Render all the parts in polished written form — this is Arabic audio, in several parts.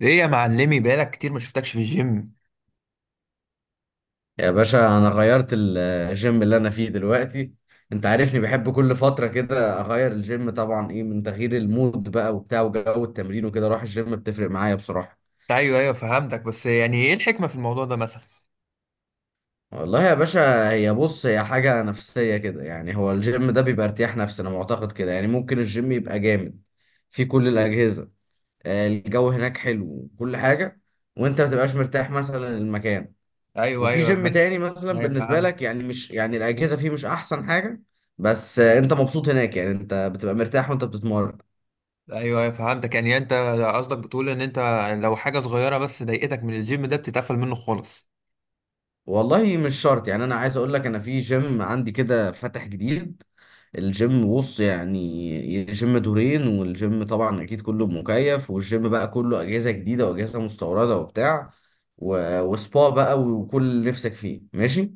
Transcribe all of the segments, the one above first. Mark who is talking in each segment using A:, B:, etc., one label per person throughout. A: ايه يا معلمي؟ بقالك كتير ما شفتكش في الجيم.
B: يا باشا انا غيرت الجيم اللي انا فيه دلوقتي. انت عارفني بحب كل فترة كده اغير الجيم، طبعا ايه من تغيير المود بقى وبتاع وجو التمرين وكده اروح الجيم بتفرق معايا بصراحة.
A: ايوه ايوه فهمتك، بس يعني ايه الحكمة في الموضوع ده مثلا؟
B: والله يا باشا، هي بص هي حاجة نفسية كده، يعني هو الجيم ده بيبقى ارتياح نفسي انا معتقد كده. يعني ممكن الجيم يبقى جامد في كل الأجهزة، الجو هناك حلو وكل حاجة، وانت ما تبقاش مرتاح مثلا المكان،
A: ايوه
B: وفي
A: ايوه
B: جيم
A: مثلا.
B: تاني مثلا
A: ايوه
B: بالنسبة
A: فهمتك.
B: لك يعني مش يعني الأجهزة فيه مش أحسن حاجة، بس أنت مبسوط هناك يعني أنت بتبقى مرتاح وأنت بتتمرن.
A: ايوه ايوه فهمتك، يعني انت قصدك بتقول ان انت لو حاجة صغيرة بس ضايقتك من الجيم ده بتتقفل منه خالص؟
B: والله مش شرط، يعني أنا عايز أقول لك أنا في جيم عندي كده فاتح جديد. الجيم بص يعني جيم دورين، والجيم طبعا أكيد كله مكيف، والجيم بقى كله أجهزة جديدة وأجهزة مستوردة وبتاع، وسبا بقى وكل اللي نفسك فيه ماشي.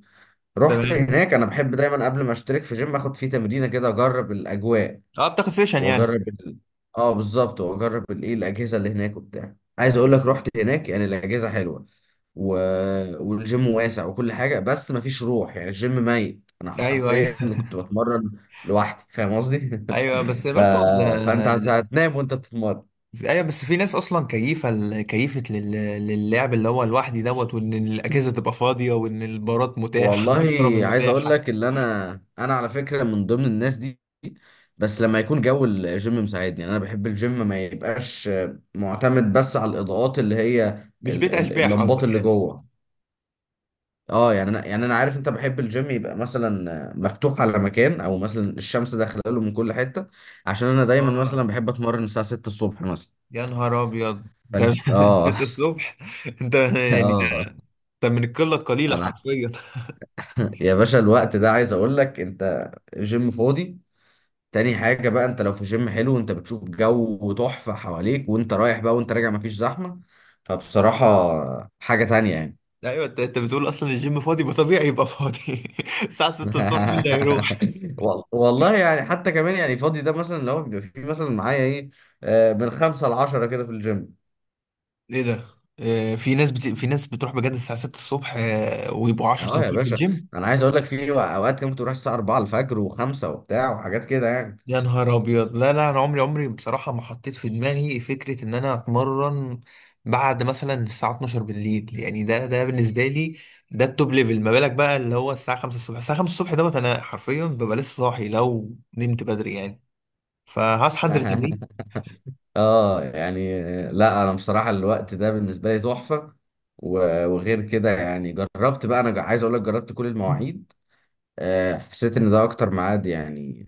B: رحت
A: تمام.
B: هناك، أنا بحب دايما قبل ما أشترك في جيم أخد فيه تمرينة كده أجرب الأجواء
A: اه بتاخد سيشن يعني؟
B: واجرب اه بالظبط، واجرب الايه الاجهزه اللي هناك وبتاع. عايز اقول لك رحت هناك يعني الاجهزه حلوه و... والجيم واسع وكل حاجه، بس مفيش روح، يعني الجيم ميت، انا
A: ايوه ايوه.
B: حرفيا كنت بتمرن لوحدي، فاهم قصدي؟
A: ايوه بس
B: ف...
A: برضه
B: فانت هتنام وانت بتتمرن.
A: ايوه بس في ناس اصلا كيفه كيفه للعب اللي هو لوحدي دوت، وان الاجهزه تبقى فاضيه، وان البارات متاحه
B: والله
A: والضرب
B: عايز اقول
A: المتاحه.
B: لك اللي انا، انا على فكره من ضمن الناس دي، بس لما يكون جو الجيم مساعدني. يعني انا بحب الجيم ما يبقاش معتمد بس على الاضاءات اللي هي
A: مش بيت اشباح
B: اللمبات
A: قصدك
B: اللي
A: يعني؟
B: جوه. اه يعني انا عارف انت بحب الجيم يبقى مثلا مفتوح على مكان، او مثلا الشمس داخله له من كل حته. عشان انا دايما مثلا
A: اه.
B: بحب اتمرن الساعه 6 الصبح مثلا.
A: يا نهار ابيض انت!
B: اه
A: انت الصبح؟ انت يعني ده،
B: اه
A: انت من القله القليله
B: انا
A: حرفيا.
B: يا باشا الوقت ده، عايز اقول لك انت جيم فاضي. تاني حاجه بقى، انت لو في جيم حلو انت بتشوف جو تحفه حواليك، وانت رايح بقى وانت راجع مفيش زحمه، فبصراحه حاجه تانية يعني.
A: ايوه، انت بتقول اصلا الجيم فاضي يبقى طبيعي يبقى فاضي. الساعه 6 الصبح مين اللي هيروح؟
B: والله يعني حتى كمان يعني فاضي ده، مثلا لو بيبقى في مثلا معايا ايه، من 5 لـ10 كده في الجيم.
A: ايه ده؟ في ناس في ناس بتروح بجد الساعه 6 الصبح، ويبقوا 10
B: اه يا
A: تنفيذ في
B: باشا،
A: الجيم.
B: انا عايز اقول لك في اوقات كده كنت بروح الساعة 4 الفجر وخمسة وبتاع وحاجات كده يعني.
A: يا نهار ابيض! لا لا، انا عمري عمري بصراحه ما حطيت في دماغي فكره ان انا اتمرن بعد مثلا الساعه 12 بالليل، يعني ده بالنسبه لي ده التوب ليفل. ما بالك بقى اللي هو الساعه 5 الصبح؟ الساعه 5 الصبح دوت انا حرفيا ببقى لسه صاحي لو نمت بدري يعني، فهصحى انزل التمرين.
B: اه يعني لا انا بصراحة الوقت ده بالنسبة لي تحفة. وغير كده يعني جربت بقى، انا عايز اقول لك جربت كل المواعيد، حسيت ان ده اكتر ميعاد يعني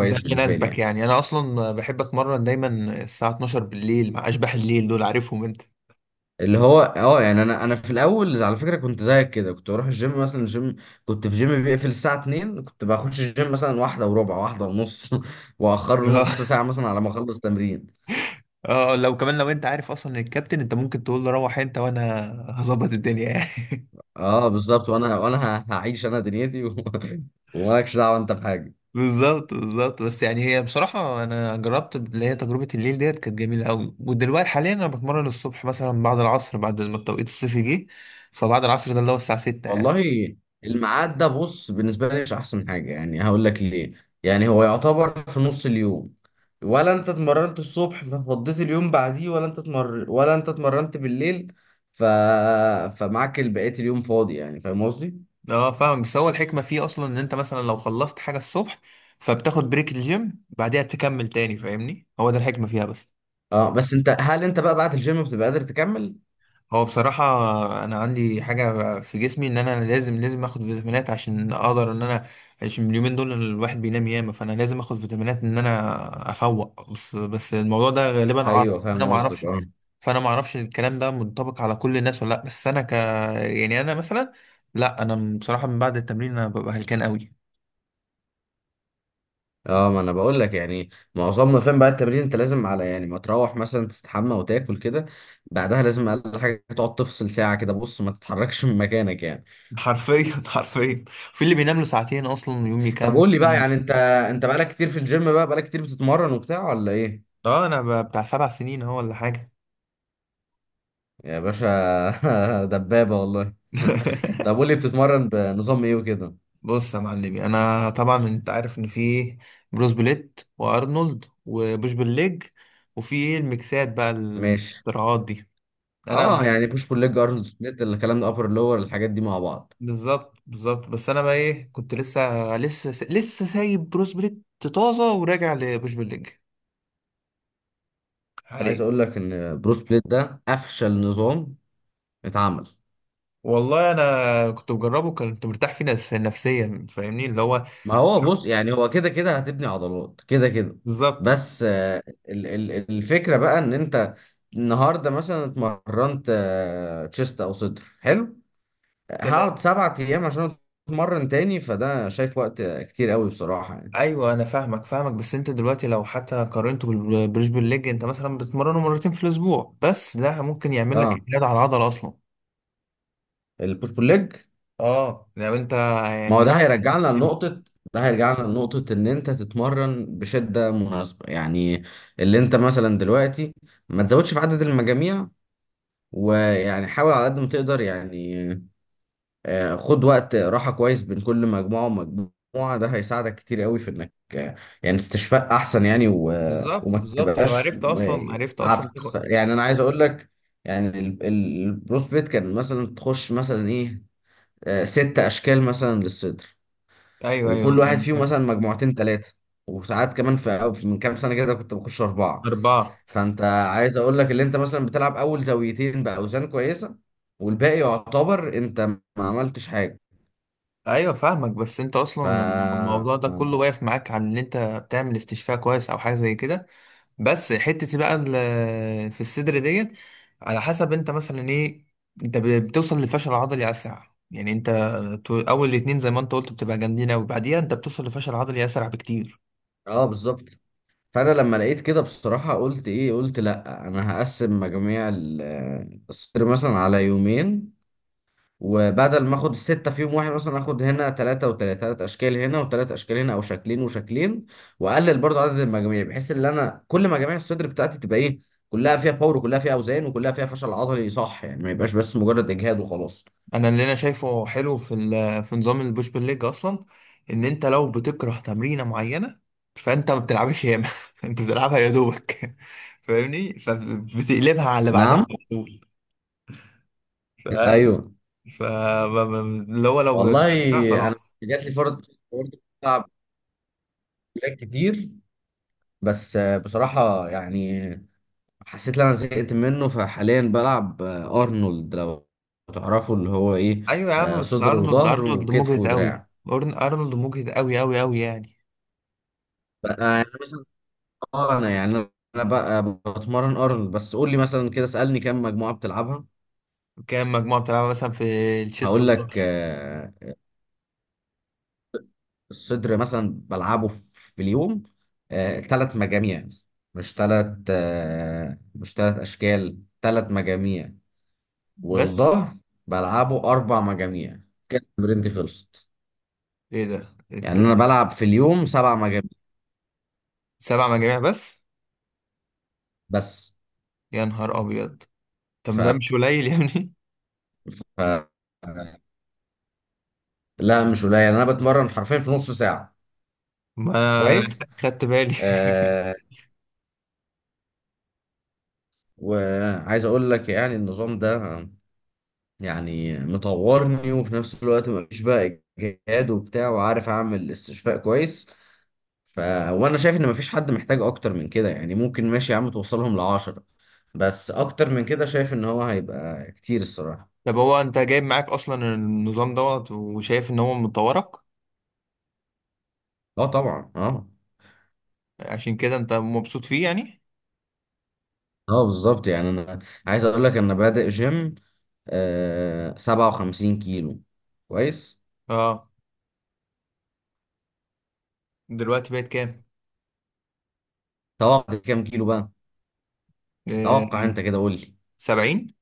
A: ده
B: بالنسبة لي
A: يناسبك
B: يعني.
A: يعني. انا اصلا بحب اتمرن دايما الساعه 12 بالليل مع اشباح الليل دول، عارفهم انت.
B: اللي هو اه يعني انا في الاول على فكره كنت زيك كده، كنت بروح الجيم مثلا، كنت في جيم بيقفل الساعه 2، كنت بخش الجيم مثلا واحده وربع واحده ونص واخر
A: اه.
B: نص ساعه مثلا على ما اخلص تمرين.
A: لو كمان لو انت عارف اصلا الكابتن انت ممكن تقول له روح انت وانا هظبط الدنيا يعني.
B: اه بالظبط، وانا هعيش انا دنيتي ومالكش دعوه انت بحاجه.
A: بالظبط بالظبط. بس يعني هي بصراحة أنا جربت اللي هي تجربة الليل ديت كانت جميلة أوي، ودلوقتي حاليا أنا بتمرن الصبح مثلا بعد العصر، بعد ما التوقيت الصيفي جه. فبعد العصر ده اللي هو الساعة 6 يعني.
B: والله الميعاد ده بص بالنسبة لي مش أحسن حاجة، يعني هقول لك ليه. يعني هو يعتبر في نص اليوم، ولا أنت اتمرنت الصبح ففضيت اليوم بعديه، ولا أنت اتمرنت بالليل ف... فمعاك بقية اليوم فاضي، يعني فاهم قصدي؟
A: أه فاهم، بس هو الحكمة فيه أصلا إن أنت مثلا لو خلصت حاجة الصبح فبتاخد بريك الجيم بعدها تكمل تاني، فاهمني؟ هو ده الحكمة فيها بس.
B: اه بس انت، هل انت بقى بعد الجيم بتبقى قادر تكمل؟
A: هو بصراحة أنا عندي حاجة في جسمي إن أنا لازم لازم آخد فيتامينات عشان أقدر إن أنا، عشان اليومين دول الواحد بينام ياما، فأنا لازم آخد فيتامينات إن أنا أفوق. بس بس الموضوع ده غالبا عارف.
B: ايوه
A: أنا
B: فاهم قصدك
A: معرفش،
B: اه.
A: فأنا معرفش الكلام ده منطبق على كل الناس ولا لأ. بس أنا ك، يعني أنا مثلا، لأ أنا بصراحة من بعد التمرين أنا ببقى هلكان قوي.
B: اه ما انا بقول لك يعني معظمنا فاهم بعد التمرين انت لازم على يعني ما تروح مثلا تستحمى وتاكل كده، بعدها لازم اقل حاجه تقعد تفصل ساعه كده بص ما تتحركش من مكانك يعني.
A: حرفيا حرفيا، في اللي بينام له ساعتين أصلا يوم
B: طب
A: يكمل،
B: قول لي
A: في
B: بقى، يعني انت انت بقالك كتير في الجيم بقى، بقالك كتير بتتمرن وبتاع ولا ايه؟
A: أه أنا بتاع 7 سنين أهو ولا حاجة.
B: يا باشا دبابة والله. طب قول لي بتتمرن بنظام ايه وكده.
A: بص يا معلمي، انا طبعا انت عارف ان في بروس بليت، وارنولد، وبوش بالليج، وفي ايه الميكسات بقى
B: ماشي.
A: الاختراعات دي. انا
B: اه
A: بح-
B: يعني بوش بول ليج، ارنولد سبليت، الكلام ده، ابر لور، الحاجات دي مع بعض.
A: بالظبط بالظبط، بس انا بقى ايه، كنت لسه سايب بروس بليت طازه وراجع لبوش بالليج
B: عايز
A: عليه.
B: اقول لك ان برو سبليت ده افشل نظام اتعمل.
A: والله انا كنت بجربه، كنت مرتاح فيه نفسيا فاهمني اللي هو.
B: ما هو بص يعني هو كده كده هتبني عضلات كده كده،
A: بالظبط.
B: بس الفكرة بقى ان انت النهارده مثلا اتمرنت تشيست او صدر حلو، هقعد
A: تمام.
B: 7 ايام عشان اتمرن تاني، فده شايف وقت كتير قوي بصراحة يعني.
A: ايوه انا فاهمك فاهمك، بس انت دلوقتي لو حتى قارنته بالبريشبل ليج انت مثلا بتمرنه مرتين في الاسبوع بس، ده ممكن يعمل لك
B: اه
A: اجهاد على العضله اصلا.
B: البوش بول ليج.
A: اه لو انت
B: ما هو ده
A: يعني.
B: هيرجعنا لنقطة، ده هيرجعنا لنقطة ان انت تتمرن بشدة مناسبة يعني. اللي انت مثلا دلوقتي ما تزودش في عدد المجاميع ويعني حاول على قد ما تقدر يعني، خد وقت راحة كويس بين كل مجموعة ومجموعة، ده هيساعدك كتير قوي في انك يعني استشفاء احسن يعني
A: بالظبط
B: وما
A: بالظبط، ولو
B: تبقاش
A: عرفت
B: آه،
A: اصلا عرفت اصلا
B: تعبت.
A: تاخد.
B: يعني انا عايز اقول لك يعني البروسبيت كان مثلا تخش مثلا ايه، 6 اشكال مثلا للصدر،
A: ايوه ايوه
B: وكل واحد
A: كان
B: فيهم
A: فاهم.
B: مثلا مجموعتين ثلاثة، وساعات كمان من كام سنة كده كنت بخش 4.
A: اربعه.
B: فأنت عايز أقول لك اللي أنت مثلا بتلعب أول زاويتين بأوزان كويسة، والباقي يعتبر أنت ما عملتش حاجة.
A: ايوه فاهمك، بس انت
B: ف
A: اصلا الموضوع ده كله واقف معاك على ان انت بتعمل استشفاء كويس او حاجه زي كده. بس حتة بقى في الصدر ديت على حسب انت مثلا ايه، انت بتوصل للفشل العضلي اسرع، يعني انت اول الاتنين زي ما انت قلت بتبقى جامدين اوي، بعديها انت بتوصل لفشل عضلي اسرع بكتير.
B: اه بالظبط. فانا لما لقيت كده بصراحه قلت ايه، قلت لا انا هقسم مجاميع الصيد مثلا على يومين، وبدل ما اخد الـ6 في يوم واحد مثلا اخد هنا 3 و3، 3 اشكال هنا وثلاث اشكال هنا او شكلين وشكلين، واقلل برضو عدد المجاميع، بحيث ان انا كل مجاميع الصدر بتاعتي تبقى ايه، كلها فيها باور وكلها فيها اوزان وكلها فيها فشل عضلي صح، يعني ما يبقاش بس مجرد اجهاد وخلاص.
A: انا اللي انا شايفه حلو في في نظام البوش بول ليج اصلا، ان انت لو بتكره تمرينة معينة فانت ما بتلعبش ياما، انت بتلعبها يا دوبك، فاهمني؟ فبتقلبها على اللي بعدها
B: نعم.
A: على طول، فاهمني؟
B: ايوه.
A: فاللي هو لو
B: والله
A: بتكره
B: انا
A: خلاص.
B: جات لي فرد برضه، بلعب بلاك كتير، بس بصراحة يعني حسيت ان انا زهقت منه، فحاليا بلعب ارنولد، لو تعرفوا اللي هو ايه،
A: ايوه يا عم، بس
B: صدر
A: ارنولد،
B: وظهر
A: ارنولد
B: وكتف
A: مجهد قوي.
B: ودراع
A: ارنولد مجهد قوي قوي قوي يعني.
B: بقى، يعني مثلا اه. انا يعني انا بقى بتمرن ارنولد، بس قول لي مثلا كده اسألني كم مجموعة بتلعبها.
A: كام مجموعه بتلعبها مثلا في الشيست
B: هقول لك
A: والظهر؟
B: الصدر مثلا بلعبه في اليوم 3 مجاميع، مش ثلاث مش ثلاث اشكال، 3 مجاميع.
A: بس
B: والظهر بلعبه 4 مجاميع، كده تمرينتي خلصت.
A: ايه ده؟
B: يعني انا بلعب في اليوم 7 مجاميع
A: 7 مجاميع بس؟
B: بس.
A: يا نهار ابيض! طب
B: ف...
A: ما ده مش قليل يا ابني؟
B: ف... لا مش قليل، يعني انا بتمرن حرفيا في نص ساعه
A: ما أنا
B: كويس.
A: خدت بالي.
B: آه... وعايز اقول لك يعني النظام ده يعني مطورني، وفي نفس الوقت مفيش بقى اجهاد وبتاع، وعارف اعمل استشفاء كويس. ف... وانا شايف ان مفيش حد محتاج اكتر من كده، يعني ممكن ماشي يا عم توصلهم لـ10، بس اكتر من كده شايف ان هو هيبقى كتير الصراحة.
A: طب هو انت جايب معاك اصلا النظام دوت وشايف ان هو مطورك؟
B: اه طبعا اه.
A: عشان كده انت مبسوط فيه يعني.
B: اه بالظبط، يعني انا عايز اقول لك انا بادئ جيم آه 57 كيلو. كويس.
A: اه. دلوقتي بقت كام؟
B: توقع كام كيلو بقى؟
A: آه،
B: توقع انت كده قول لي.
A: 70؟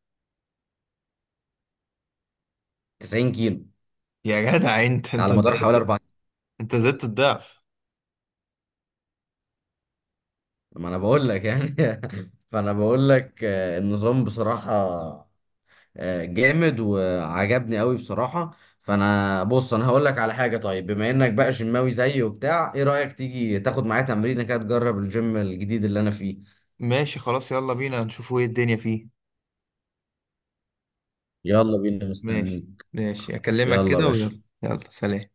B: 90 كيلو،
A: يا جدع انت! انت
B: على مدار حوالي 4 سنين.
A: انت زدت الضعف!
B: ما انا بقول لك يعني. فانا بقول لك النظام بصراحة جامد وعجبني قوي بصراحة. فانا بص انا هقول لك على حاجة، طيب بما انك بقى جيماوي زيي وبتاع، ايه رأيك تيجي تاخد معايا تمرينة كده تجرب الجيم الجديد اللي انا فيه؟
A: ماشي خلاص، يلا بينا نشوف ايه الدنيا فيه.
B: يلا بينا
A: ماشي.
B: مستنيك.
A: ماشي اكلمك
B: يلا يا
A: كده،
B: باشا.
A: ويلا يلا سلام.